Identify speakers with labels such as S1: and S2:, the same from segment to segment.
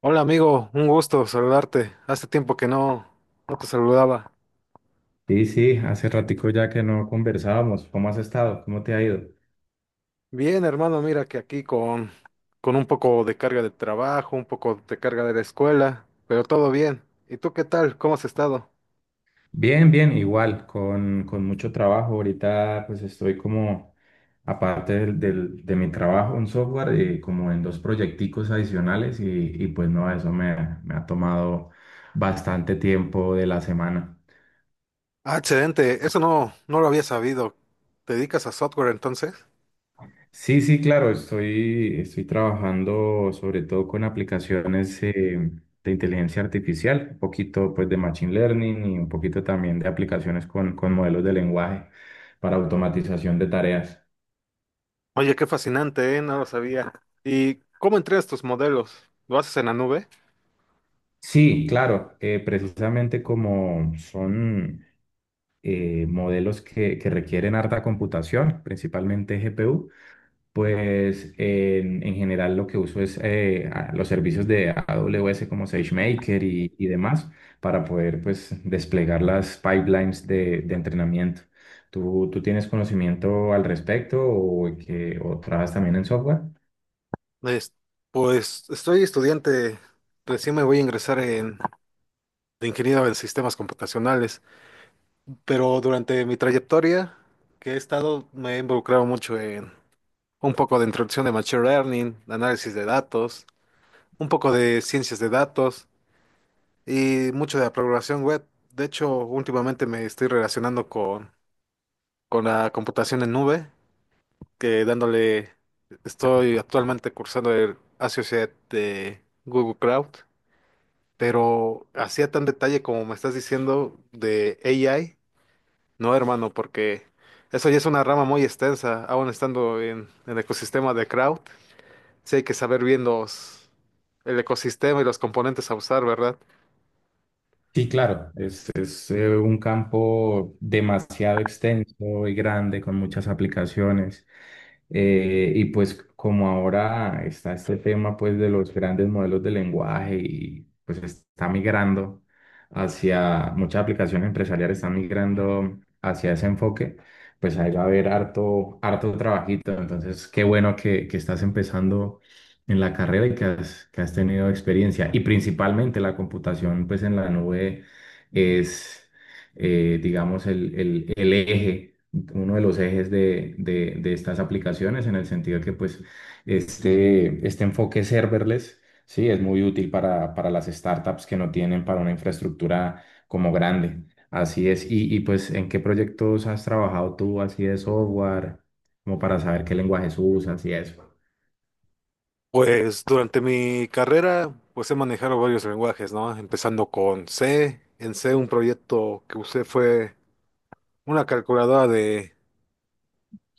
S1: Hola amigo, un gusto saludarte. Hace tiempo que no te saludaba.
S2: Sí, sí, hace ratico ya que no conversábamos. ¿Cómo has estado? ¿Cómo te ha ido?
S1: Bien, hermano, mira que aquí con un poco de carga de trabajo, un poco de carga de la escuela, pero todo bien. ¿Y tú qué tal? ¿Cómo has estado?
S2: Bien, bien, igual, con mucho trabajo. Ahorita pues estoy como aparte de mi trabajo en software, como en dos proyecticos adicionales y pues no, eso me, me ha tomado bastante tiempo de la semana.
S1: Ah, excelente, eso no lo había sabido. ¿Te dedicas a software entonces?
S2: Sí, sí, claro, estoy trabajando sobre todo con aplicaciones de inteligencia artificial, un poquito pues de machine learning y un poquito también de aplicaciones con modelos de lenguaje para automatización de tareas.
S1: Oye, qué fascinante, ¿eh? No lo sabía. ¿Y cómo entregas tus modelos? ¿Lo haces en la nube?
S2: Sí, claro, precisamente como son modelos que requieren harta computación, principalmente GPU. Pues en general lo que uso es los servicios de AWS como SageMaker y demás para poder pues desplegar las pipelines de entrenamiento. Tú tienes conocimiento al respecto o o trabajas también en software?
S1: Es- pues estoy estudiante, recién me voy a ingresar en de ingeniero en sistemas computacionales. Pero durante mi trayectoria que he estado, me he involucrado mucho en un poco de introducción de Machine Learning, análisis de datos, un poco de ciencias de datos y mucho de la programación web. De hecho, últimamente me estoy relacionando con la computación en nube, que dándole, estoy actualmente cursando el Associate de Google Cloud, pero hacía tan detalle como me estás diciendo de AI. No, hermano, porque eso ya es una rama muy extensa. Aún estando en, el ecosistema de crowd, sí hay que saber bien los, el ecosistema y los componentes a usar, ¿verdad?
S2: Sí, claro, es un campo demasiado extenso y grande con muchas aplicaciones. Y pues como ahora está este tema pues de los grandes modelos de lenguaje y pues está migrando muchas aplicaciones empresariales están migrando hacia ese enfoque, pues ahí va a haber harto, harto trabajito. Entonces, qué bueno que estás empezando en la carrera y que has tenido experiencia. Y principalmente la computación, pues en la nube es, digamos, el eje, uno de los ejes de estas aplicaciones, en el sentido que, pues, este enfoque serverless, sí, es muy útil para las startups que no tienen para una infraestructura como grande. Así es. Y pues, ¿en qué proyectos has trabajado tú así de software? Como para saber qué lenguajes usas y eso.
S1: Pues durante mi carrera, pues he manejado varios lenguajes, ¿no? Empezando con C. En C un proyecto que usé fue una calculadora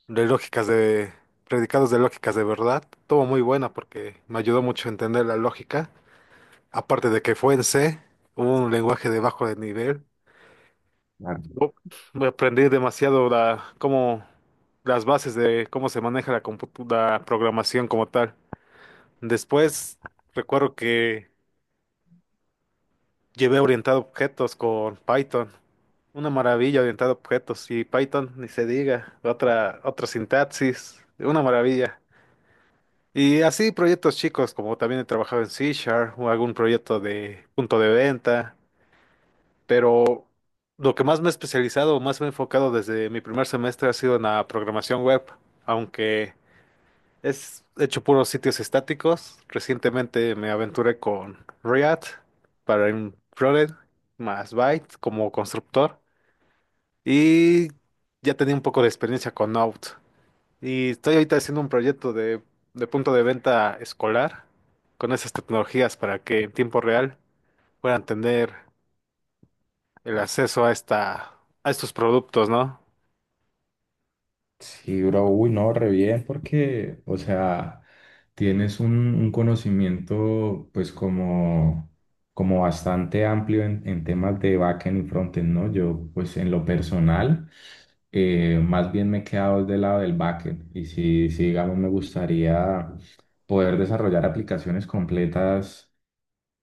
S1: de lógicas de predicados de lógicas de verdad. Todo muy buena porque me ayudó mucho a entender la lógica. Aparte de que fue en C, un lenguaje de bajo de nivel. No, voy a demasiado la, cómo, las bases de cómo se maneja la, la programación como tal. Después, recuerdo que llevé orientado a objetos con Python. Una maravilla orientado a objetos. Y Python, ni se diga. Otra, otra sintaxis. Una maravilla. Y así proyectos chicos, como también he trabajado en C Sharp o algún proyecto de punto de venta. Pero lo que más me he especializado o más me he enfocado desde mi primer semestre ha sido en la programación web, aunque es hecho puros sitios estáticos. Recientemente me aventuré con React para un frontend más Byte como constructor y ya tenía un poco de experiencia con Node. Y estoy ahorita haciendo un proyecto de punto de venta escolar con esas tecnologías para que en tiempo real puedan tener el acceso a a estos productos, ¿no?
S2: Sí, bro, uy, no, re bien, porque, o sea, tienes un conocimiento, pues, como, como bastante amplio en temas de backend y frontend, ¿no? Yo, pues, en lo personal, más bien me he quedado del lado del backend, y si, si, digamos, me gustaría poder desarrollar aplicaciones completas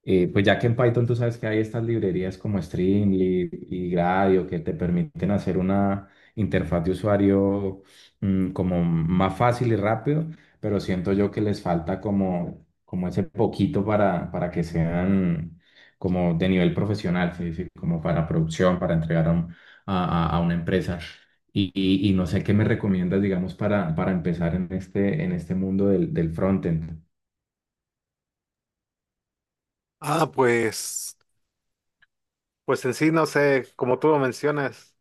S2: pues ya que en Python tú sabes que hay estas librerías como Streamlit y Gradio que te permiten hacer una interfaz de usuario como más fácil y rápido, pero siento yo que les falta como, como ese poquito para que sean como de nivel profesional, ¿sí? Sí, como para producción, para entregar a, un- a una empresa. Y no sé qué me recomiendas, digamos, para empezar en este mundo del frontend.
S1: Ah, pues, pues en sí, no sé, como tú lo mencionas,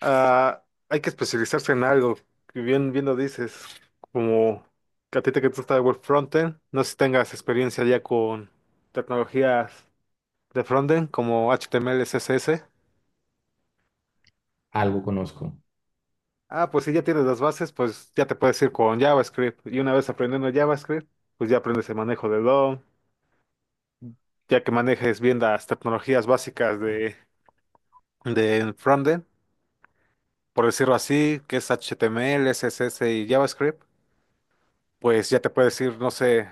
S1: ah, hay que especializarse en algo, que bien lo dices, como que a ti te gusta el frontend, no sé si tengas experiencia ya con tecnologías de frontend como HTML, CSS.
S2: Algo conozco.
S1: Ah, pues si ya tienes las bases, pues ya te puedes ir con JavaScript. Y una vez aprendiendo JavaScript, pues ya aprendes el manejo de DOM, ya que manejes bien las tecnologías básicas de frontend, por decirlo así, que es HTML, CSS y JavaScript, pues ya te puedes ir, no sé,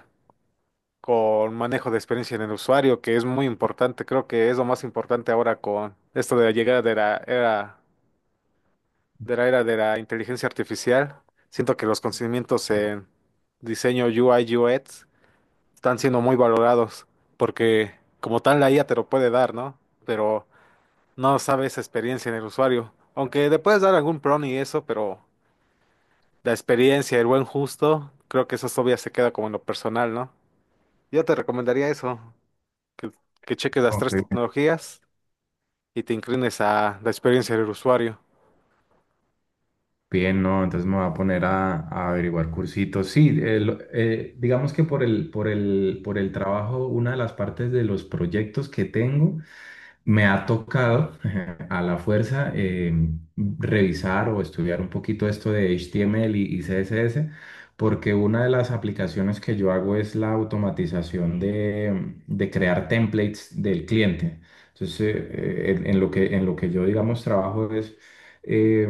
S1: con manejo de experiencia en el usuario, que es muy importante, creo que es lo más importante ahora con esto de la llegada de la era de la inteligencia artificial. Siento que los conocimientos en diseño UI UX están siendo muy valorados porque como tal la IA te lo puede dar, ¿no? Pero no sabe esa experiencia en el usuario. Aunque le puedes dar algún prompt y eso, pero la experiencia, el buen justo, creo que eso todavía se queda como en lo personal, ¿no? Yo te recomendaría eso, que, que cheques las
S2: Ok.
S1: tres tecnologías y te inclines a la experiencia del usuario.
S2: Bien, no, entonces me voy a poner a averiguar cursitos. Sí, digamos que por el, por el, por el trabajo, una de las partes de los proyectos que tengo. Me ha tocado a la fuerza revisar o estudiar un poquito esto de HTML y CSS, porque una de las aplicaciones que yo hago es la automatización de crear templates del cliente. Entonces, en lo en lo que yo, digamos, trabajo es, eh,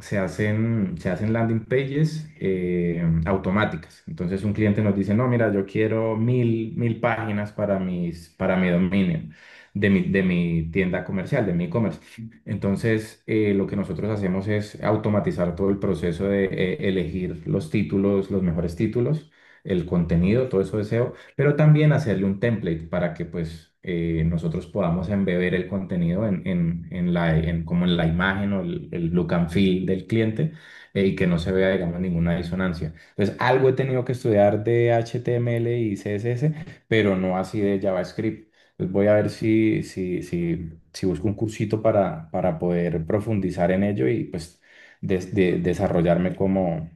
S2: se hacen landing pages automáticas. Entonces, un cliente nos dice, no, mira, yo quiero mil, mil páginas para para mi dominio de mi tienda comercial, de mi e-commerce. Entonces, lo que nosotros hacemos es automatizar todo el proceso de elegir los títulos, los mejores títulos, el contenido, todo eso de SEO, pero también hacerle un template para que pues nosotros podamos embeber el contenido como en la imagen o el look and feel del cliente y que no se vea, digamos, ninguna disonancia. Entonces, algo he tenido que estudiar de HTML y CSS, pero no así de JavaScript. Pues voy a ver si busco un cursito para poder profundizar en ello y pues desarrollarme como,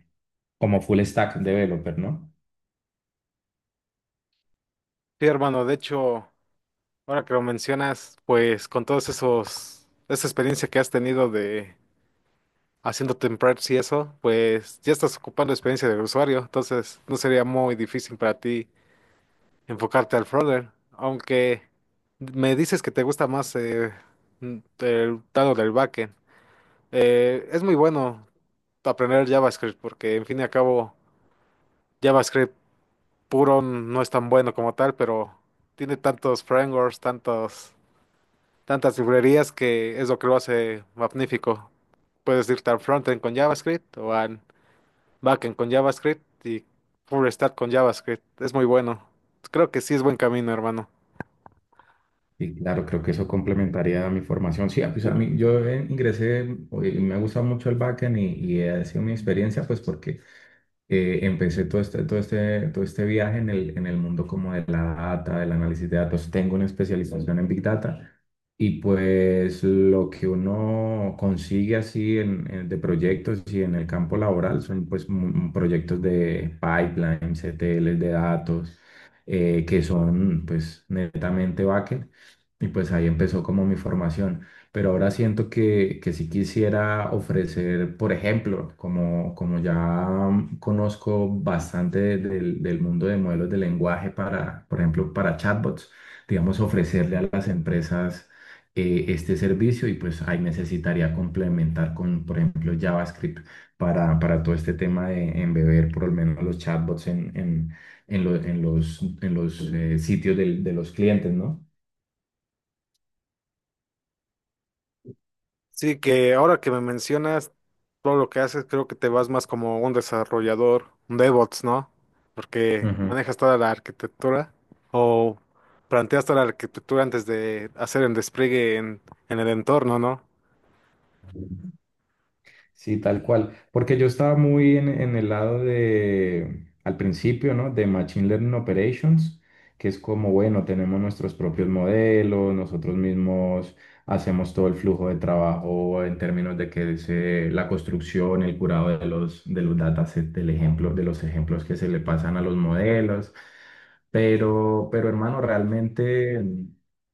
S2: como full stack developer, ¿no?
S1: Sí, hermano, de hecho, ahora que lo mencionas, pues con todos esos, esa experiencia que has tenido de haciendo templates y eso, pues ya estás ocupando experiencia del usuario, entonces no sería muy difícil para ti enfocarte al frontend, aunque me dices que te gusta más el lado del backend. Es muy bueno aprender JavaScript porque, en fin y al cabo, JavaScript puro no es tan bueno como tal, pero tiene tantos frameworks, tantos, tantas librerías que es lo que lo hace magnífico. Puedes irte al frontend con JavaScript o al backend con JavaScript y full stack con JavaScript. Es muy bueno. Creo que sí es buen camino, hermano.
S2: Y claro, creo que eso complementaría mi formación. Sí, ah, pues a mí, yo ingresé y me gusta mucho el backend y ha sido mi experiencia, pues porque empecé todo este viaje en el mundo como de la data, del análisis de datos. Tengo una especialización en Big Data y pues lo que uno consigue así de proyectos y en el campo laboral son pues proyectos de pipelines, C T Ls de datos, que son pues netamente backend. Y pues ahí empezó como mi formación. Pero ahora siento que sí quisiera ofrecer, por ejemplo, como, como ya conozco bastante del mundo de modelos de lenguaje para, por ejemplo, para chatbots, digamos, ofrecerle a las empresas este servicio y pues ahí necesitaría complementar con, por ejemplo, JavaScript para todo este tema de embeber por lo menos los chatbots en los sitios de los clientes, ¿no?
S1: Sí, que ahora que me mencionas todo lo que haces, creo que te vas más como un desarrollador, un DevOps, ¿no? Porque manejas toda la arquitectura o planteas toda la arquitectura antes de hacer el despliegue en el entorno, ¿no?
S2: Sí, tal cual. Porque yo estaba muy en el lado de, al principio, ¿no? De Machine Learning Operations, que es como, bueno, tenemos nuestros propios modelos, nosotros mismos hacemos todo el flujo de trabajo en términos de que la construcción, el curado de los datasets, del ejemplo, de los ejemplos que se le pasan a los modelos. Pero hermano, realmente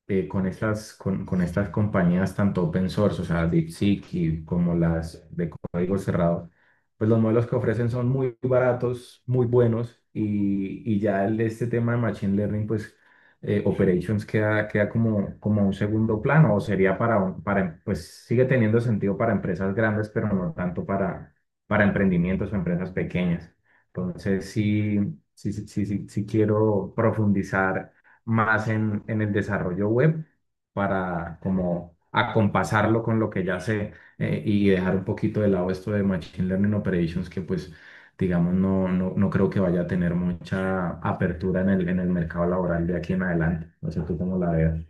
S2: con con estas compañías tanto open source, o sea, DeepSeek y como las de código cerrado, pues los modelos que ofrecen son muy baratos, muy buenos y ya este tema de Machine Learning, pues Operations queda, queda como, como un segundo plano o sería para, pues sigue teniendo sentido para empresas grandes, pero no tanto para emprendimientos o empresas pequeñas. Entonces, sí, sí quiero profundizar más en el desarrollo web para como acompasarlo con lo que ya sé y dejar un poquito de lado esto de Machine Learning Operations que pues digamos no creo que vaya a tener mucha apertura en el mercado laboral de aquí en adelante. No sé tú cómo la veas.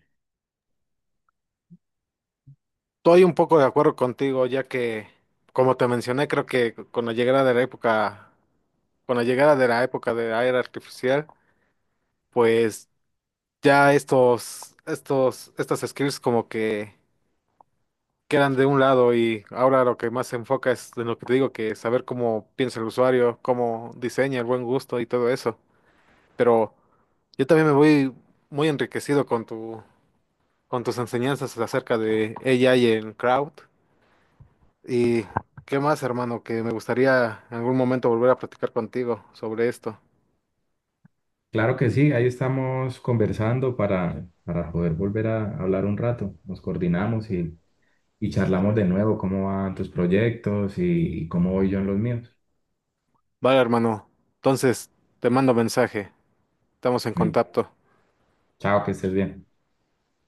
S1: Estoy un poco de acuerdo contigo, ya que, como te mencioné, creo que con la llegada de la época, con la llegada de la época de la era artificial, pues ya estas skills como que quedan de un lado y ahora lo que más se enfoca es en lo que te digo, que saber cómo piensa el usuario, cómo diseña, el buen gusto y todo eso. Pero yo también me voy muy enriquecido con tu, con tus enseñanzas acerca de AI en crowd. ¿Y qué más, hermano? Que me gustaría en algún momento volver a platicar contigo sobre esto.
S2: Claro que sí, ahí estamos conversando para poder volver a hablar un rato. Nos coordinamos y charlamos de nuevo cómo van tus proyectos y cómo voy yo en los míos.
S1: Vale, hermano. Entonces, te mando mensaje. Estamos en
S2: Y
S1: contacto.
S2: chao, que estés bien.